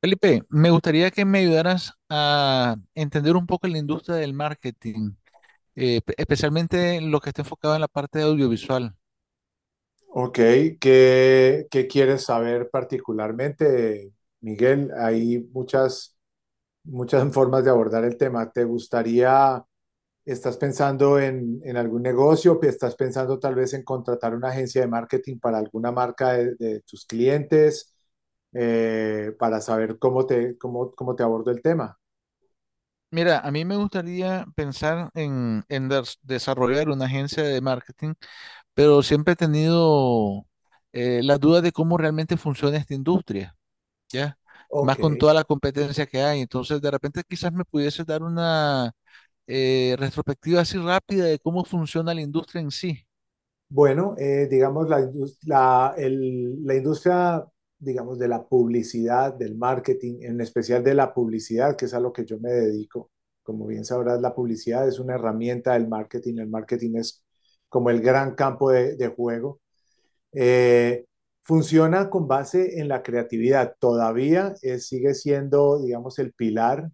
Felipe, me gustaría que me ayudaras a entender un poco la industria del marketing, especialmente lo que está enfocado en la parte de audiovisual. Ok. ¿Qué quieres saber particularmente, Miguel? Hay muchas formas de abordar el tema. ¿Te gustaría, estás pensando en algún negocio, estás pensando tal vez en contratar una agencia de marketing para alguna marca de tus clientes, para saber cómo te abordo el tema? Mira, a mí me gustaría pensar en desarrollar una agencia de marketing, pero siempre he tenido las dudas de cómo realmente funciona esta industria, ¿ya? Más Ok. con toda la competencia que hay. Entonces, de repente quizás me pudiese dar una retrospectiva así rápida de cómo funciona la industria en sí. Bueno, digamos, la industria, digamos, de la publicidad, del marketing, en especial de la publicidad, que es a lo que yo me dedico. Como bien sabrás, la publicidad es una herramienta del marketing. El marketing es como el gran campo de juego. Eh, Funciona con base en la creatividad. Todavía sigue siendo, digamos, el pilar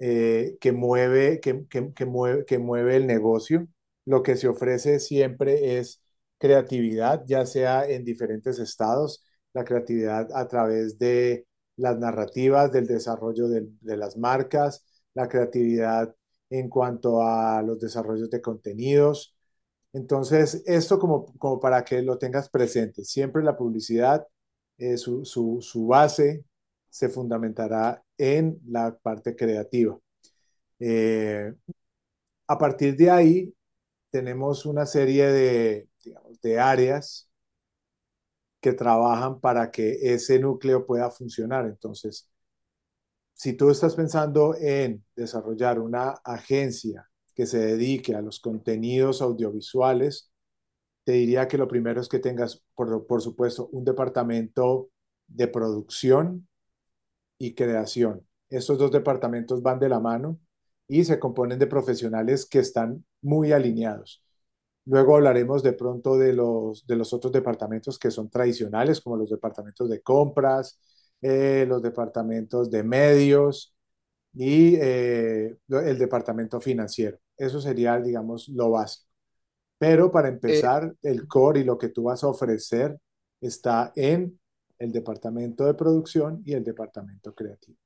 que mueve el negocio. Lo que se ofrece siempre es creatividad, ya sea en diferentes estados, la creatividad a través de las narrativas, del desarrollo de las marcas, la creatividad en cuanto a los desarrollos de contenidos. Entonces, esto como para que lo tengas presente, siempre la publicidad, su base se fundamentará en la parte creativa. Eh, a partir de ahí, tenemos una serie digamos, de áreas que trabajan para que ese núcleo pueda funcionar. Entonces, si tú estás pensando en desarrollar una agencia que se dedique a los contenidos audiovisuales, te diría que lo primero es que tengas, por supuesto, un departamento de producción y creación. Estos dos departamentos van de la mano y se componen de profesionales que están muy alineados. Luego hablaremos de pronto de los otros departamentos que son tradicionales, como los departamentos de compras, los departamentos de medios y el departamento financiero. Eso sería, digamos, lo básico. Pero para Eh, empezar, el core y lo que tú vas a ofrecer está en el departamento de producción y el departamento creativo.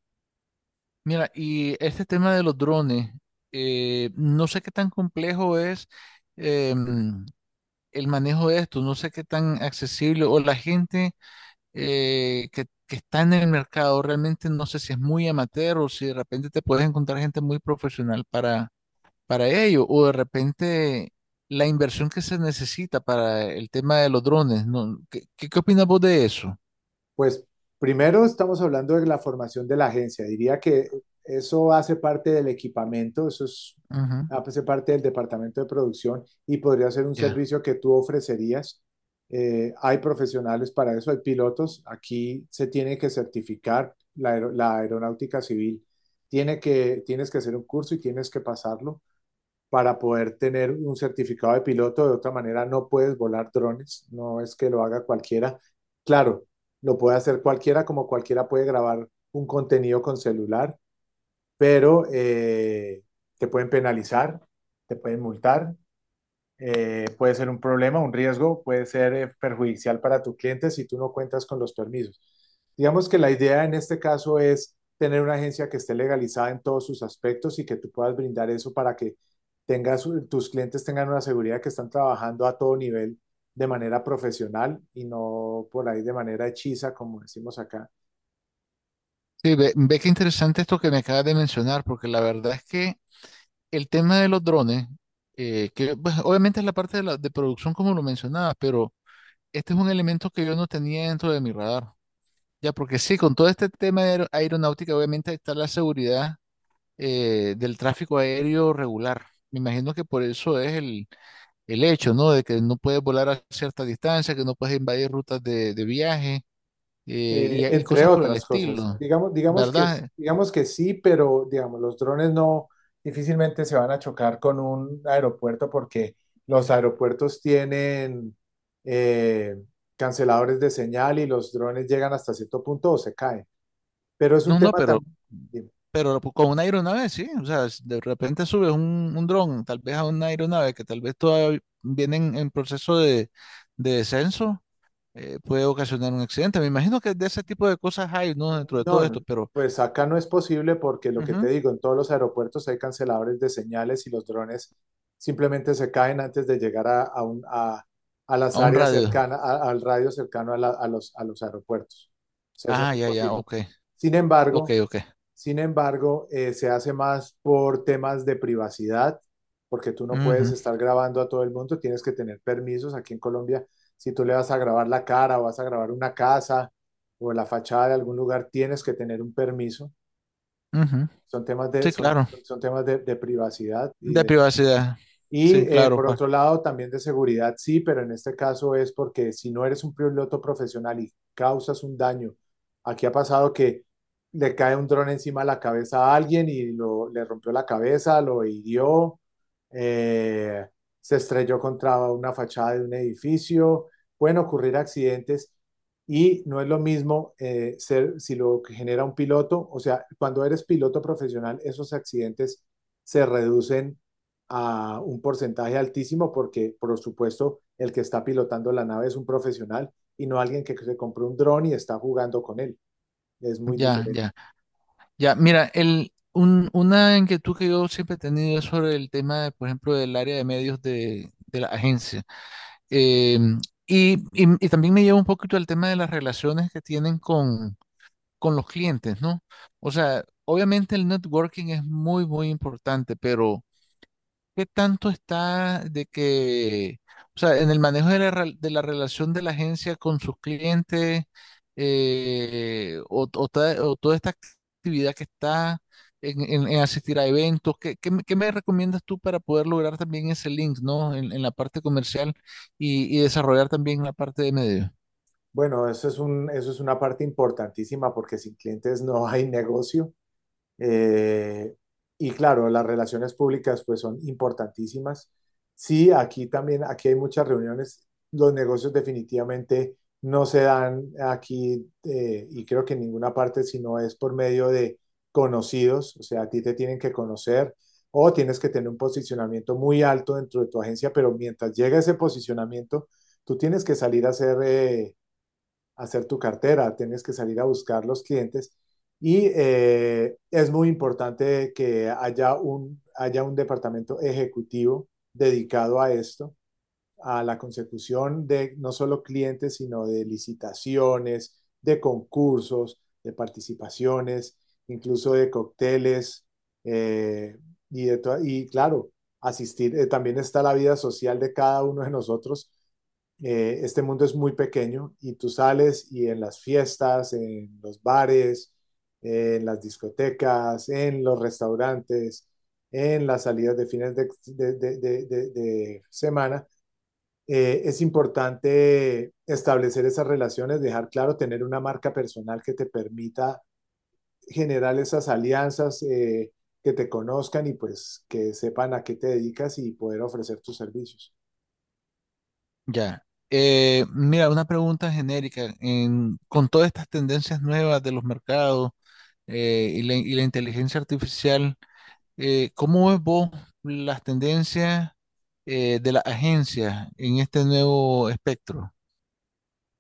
Mira, y este tema de los drones, no sé qué tan complejo es em, el manejo de esto, no sé qué tan accesible o la gente que está en el mercado, realmente no sé si es muy amateur o si de repente te puedes encontrar gente muy profesional para ello o de repente la inversión que se necesita para el tema de los drones, ¿no? ¿ qué opinas vos de eso? Pues primero estamos hablando de la formación de la agencia. Diría que eso hace parte del equipamiento, eso es, Ujú. hace parte del departamento de producción y podría ser un Ya. servicio que tú ofrecerías. Hay profesionales para eso, hay pilotos. Aquí se tiene que certificar la aeronáutica civil. Tienes que hacer un curso y tienes que pasarlo para poder tener un certificado de piloto. De otra manera, no puedes volar drones, no es que lo haga cualquiera. Claro, lo puede hacer cualquiera, como cualquiera puede grabar un contenido con celular, pero te pueden penalizar, te pueden multar, puede ser un problema, un riesgo, puede ser perjudicial para tu cliente si tú no cuentas con los permisos. Digamos que la idea en este caso es tener una agencia que esté legalizada en todos sus aspectos y que tú puedas brindar eso para que tus clientes tengan una seguridad que están trabajando a todo nivel de manera profesional y no por ahí de manera hechiza, como decimos acá, Sí, ve, ve qué interesante esto que me acabas de mencionar, porque la verdad es que el tema de los drones, que pues, obviamente es la parte de producción como lo mencionabas, pero este es un elemento que yo no tenía dentro de mi radar. Ya, porque sí, con todo este tema de aeronáutica, obviamente está la seguridad del tráfico aéreo regular. Me imagino que por eso es el hecho, ¿no? De que no puedes volar a cierta distancia, que no puedes invadir rutas de viaje y entre cosas por el otras cosas. estilo, Digamos, digamos que, ¿verdad? digamos que sí, pero digamos, los drones no difícilmente se van a chocar con un aeropuerto porque los aeropuertos tienen eh, canceladores de señal y los drones llegan hasta cierto punto o se caen. Pero es un No, no, tema pero también. Pero con una aeronave, sí. O sea, si de repente subes un dron, tal vez a una aeronave que tal vez todavía vienen en proceso de descenso, puede ocasionar un accidente. Me imagino que de ese tipo de cosas hay, ¿no? Dentro de todo No, esto, no, pero pues acá no es posible porque lo que te ujú, digo, en todos los aeropuertos hay canceladores de señales y los drones simplemente se caen antes de llegar a las a un áreas radio. cercanas, al radio cercano a los aeropuertos. O sea, eso Ah, no es ya, ya, posible. ok, Sin ok, embargo, ok. sin embargo, se hace más por temas de privacidad, porque tú no puedes Ujú, estar grabando a todo el mundo, tienes que tener permisos. Aquí en Colombia, si tú le vas a grabar la cara o vas a grabar una casa o la fachada de algún lugar, tienes que tener un permiso. ujú. Son temas de, Sí, son, claro. son temas de privacidad y De privacidad. y Sí, eh, claro, por pa. otro lado, también de seguridad, sí, pero en este caso es porque si no eres un piloto profesional y causas un daño, aquí ha pasado que le cae un dron encima de la cabeza a alguien y le rompió la cabeza, lo hirió, eh, se estrelló contra una fachada de un edificio, pueden ocurrir accidentes y no es lo mismo ser si lo que genera un piloto, o sea, cuando eres piloto profesional, esos accidentes se reducen a un porcentaje altísimo porque, por supuesto, el que está pilotando la nave es un profesional y no alguien que se compró un dron y está jugando con él. Es muy Ya, diferente. ya, ya. Mira, una inquietud que yo siempre he tenido es sobre el tema, de, por ejemplo, del área de medios de la agencia. Eh, y, y- también me lleva un poquito al tema de las relaciones que tienen con los clientes, ¿no? O sea, obviamente el networking es muy, muy importante, pero ¿qué tanto está de que, o sea, en el manejo de de la relación de la agencia con sus clientes o o toda esta actividad que está en asistir a eventos? ¿ qué me recomiendas tú para poder lograr también ese link, ¿no? En la parte comercial y desarrollar también la parte de medio. Bueno, eso es una parte importantísima porque sin clientes no hay negocio. Eh, y claro, las relaciones públicas pues son importantísimas. Sí, aquí también, aquí hay muchas reuniones. Los negocios definitivamente no se dan aquí, y creo que en ninguna parte, sino es por medio de conocidos, o sea, a ti te tienen que conocer o tienes que tener un posicionamiento muy alto dentro de tu agencia, pero mientras llega ese posicionamiento, tú tienes que salir a hacer, hacer tu cartera, tienes que salir a buscar los clientes y es muy importante que haya un departamento ejecutivo dedicado a esto, a la consecución de no solo clientes, sino de licitaciones, de concursos, de participaciones, incluso de cócteles, eh, y claro, asistir. También está la vida social de cada uno de nosotros. Este mundo es muy pequeño y tú sales y en las fiestas, en los bares, en las discotecas, en los restaurantes, en las salidas de fines de, de, de, de de, de semana, es importante establecer esas relaciones, dejar claro, tener una marca personal que te permita generar esas alianzas, que te conozcan y pues que sepan a qué te dedicas y poder ofrecer tus servicios. Ya. Mira, una pregunta genérica. Con todas estas tendencias nuevas de los mercados y la inteligencia artificial? ¿Cómo ves vos las tendencias de las agencias en este nuevo espectro?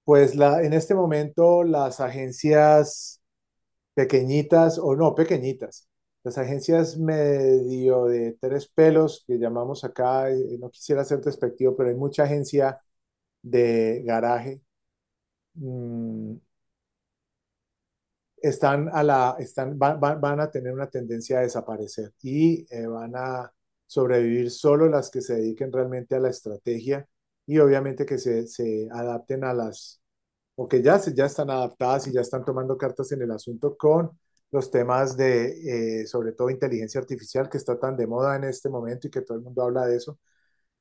En este momento las agencias pequeñitas o no pequeñitas, las agencias medio de tres pelos que llamamos acá, no quisiera ser despectivo, pero hay mucha agencia de garaje, mmm, están a la, están, van, van- van a tener una tendencia a desaparecer y van a sobrevivir solo las que se dediquen realmente a la estrategia y obviamente que se adapten a o que ya, ya están adaptadas y ya están tomando cartas en el asunto con los temas de sobre todo, inteligencia artificial, que está tan de moda en este momento y que todo el mundo habla de eso.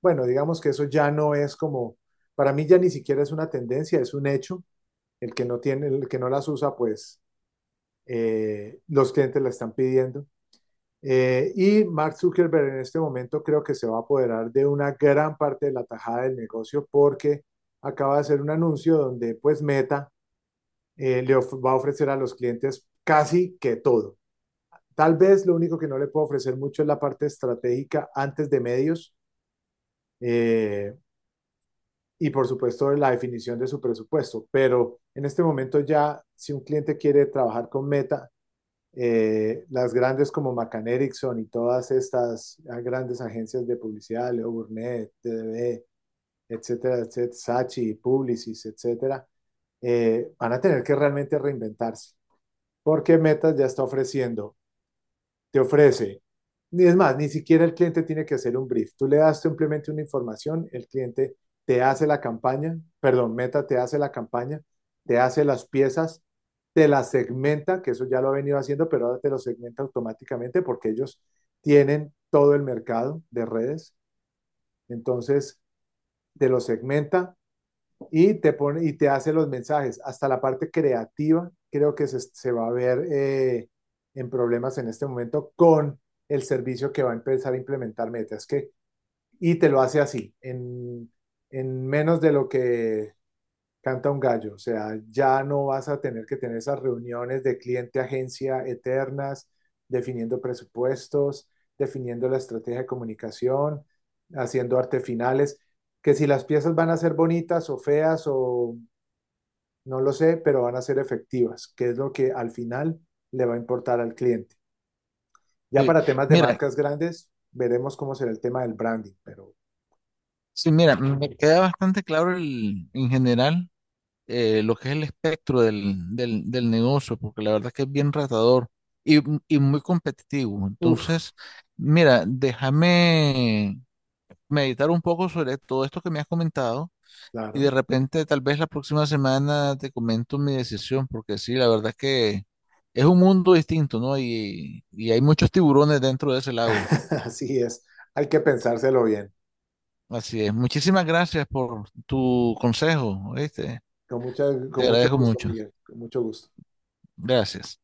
Bueno, digamos que eso ya no es como, para mí ya ni siquiera es una tendencia, es un hecho. El que no las usa, pues los clientes la están pidiendo. Y Mark Zuckerberg en este momento creo que se va a apoderar de una gran parte de la tajada del negocio porque acaba de hacer un anuncio donde pues Meta le va a ofrecer a los clientes casi que todo. Tal vez lo único que no le puedo ofrecer mucho es la parte estratégica antes de medios, eh, y por supuesto la definición de su presupuesto, pero en este momento ya si un cliente quiere trabajar con Meta, las grandes como McCann Erickson y todas estas grandes agencias de publicidad, Leo Burnett, TDB, etcétera, etcétera, Sachi, Publicis, etcétera, van a tener que realmente reinventarse, porque Meta ya está ofreciendo, te ofrece. Ni es más, Ni siquiera el cliente tiene que hacer un brief. Tú le das simplemente una información, el cliente te hace la campaña, perdón, Meta te hace la campaña, te hace las piezas, te las segmenta, que eso ya lo ha venido haciendo, pero ahora te lo segmenta automáticamente porque ellos tienen todo el mercado de redes. Entonces, te lo segmenta, y te pone y te hace los mensajes. Hasta la parte creativa creo que se va a ver en problemas en este momento con el servicio que va a empezar a implementar Meta. Es que, y te lo hace así, en menos de lo que canta un gallo. O sea, ya no vas a tener que tener esas reuniones de cliente-agencia eternas, definiendo presupuestos, definiendo la estrategia de comunicación, haciendo artefinales, que si las piezas van a ser bonitas o feas o no lo sé, pero van a ser efectivas, que es lo que al final le va a importar al cliente. Ya Sí, para temas de mira, marcas grandes, veremos cómo será el tema del branding, pero sí, mira, me queda bastante claro en general lo que es el espectro del negocio, porque la verdad es que es bien ratador y, y muy competitivo. uff, Entonces, mira, déjame meditar un poco sobre todo esto que me has comentado. Y claro, de repente, tal vez la próxima semana te comento mi decisión, porque sí, la verdad es que es un mundo distinto, ¿no? Y hay muchos tiburones dentro de ese lago. así es. Hay que pensárselo bien. Así es. Muchísimas gracias por tu consejo, ¿oíste? Con, mucha, Te con mucho agradezco gusto, mucho. Miguel, con mucho gusto. Gracias.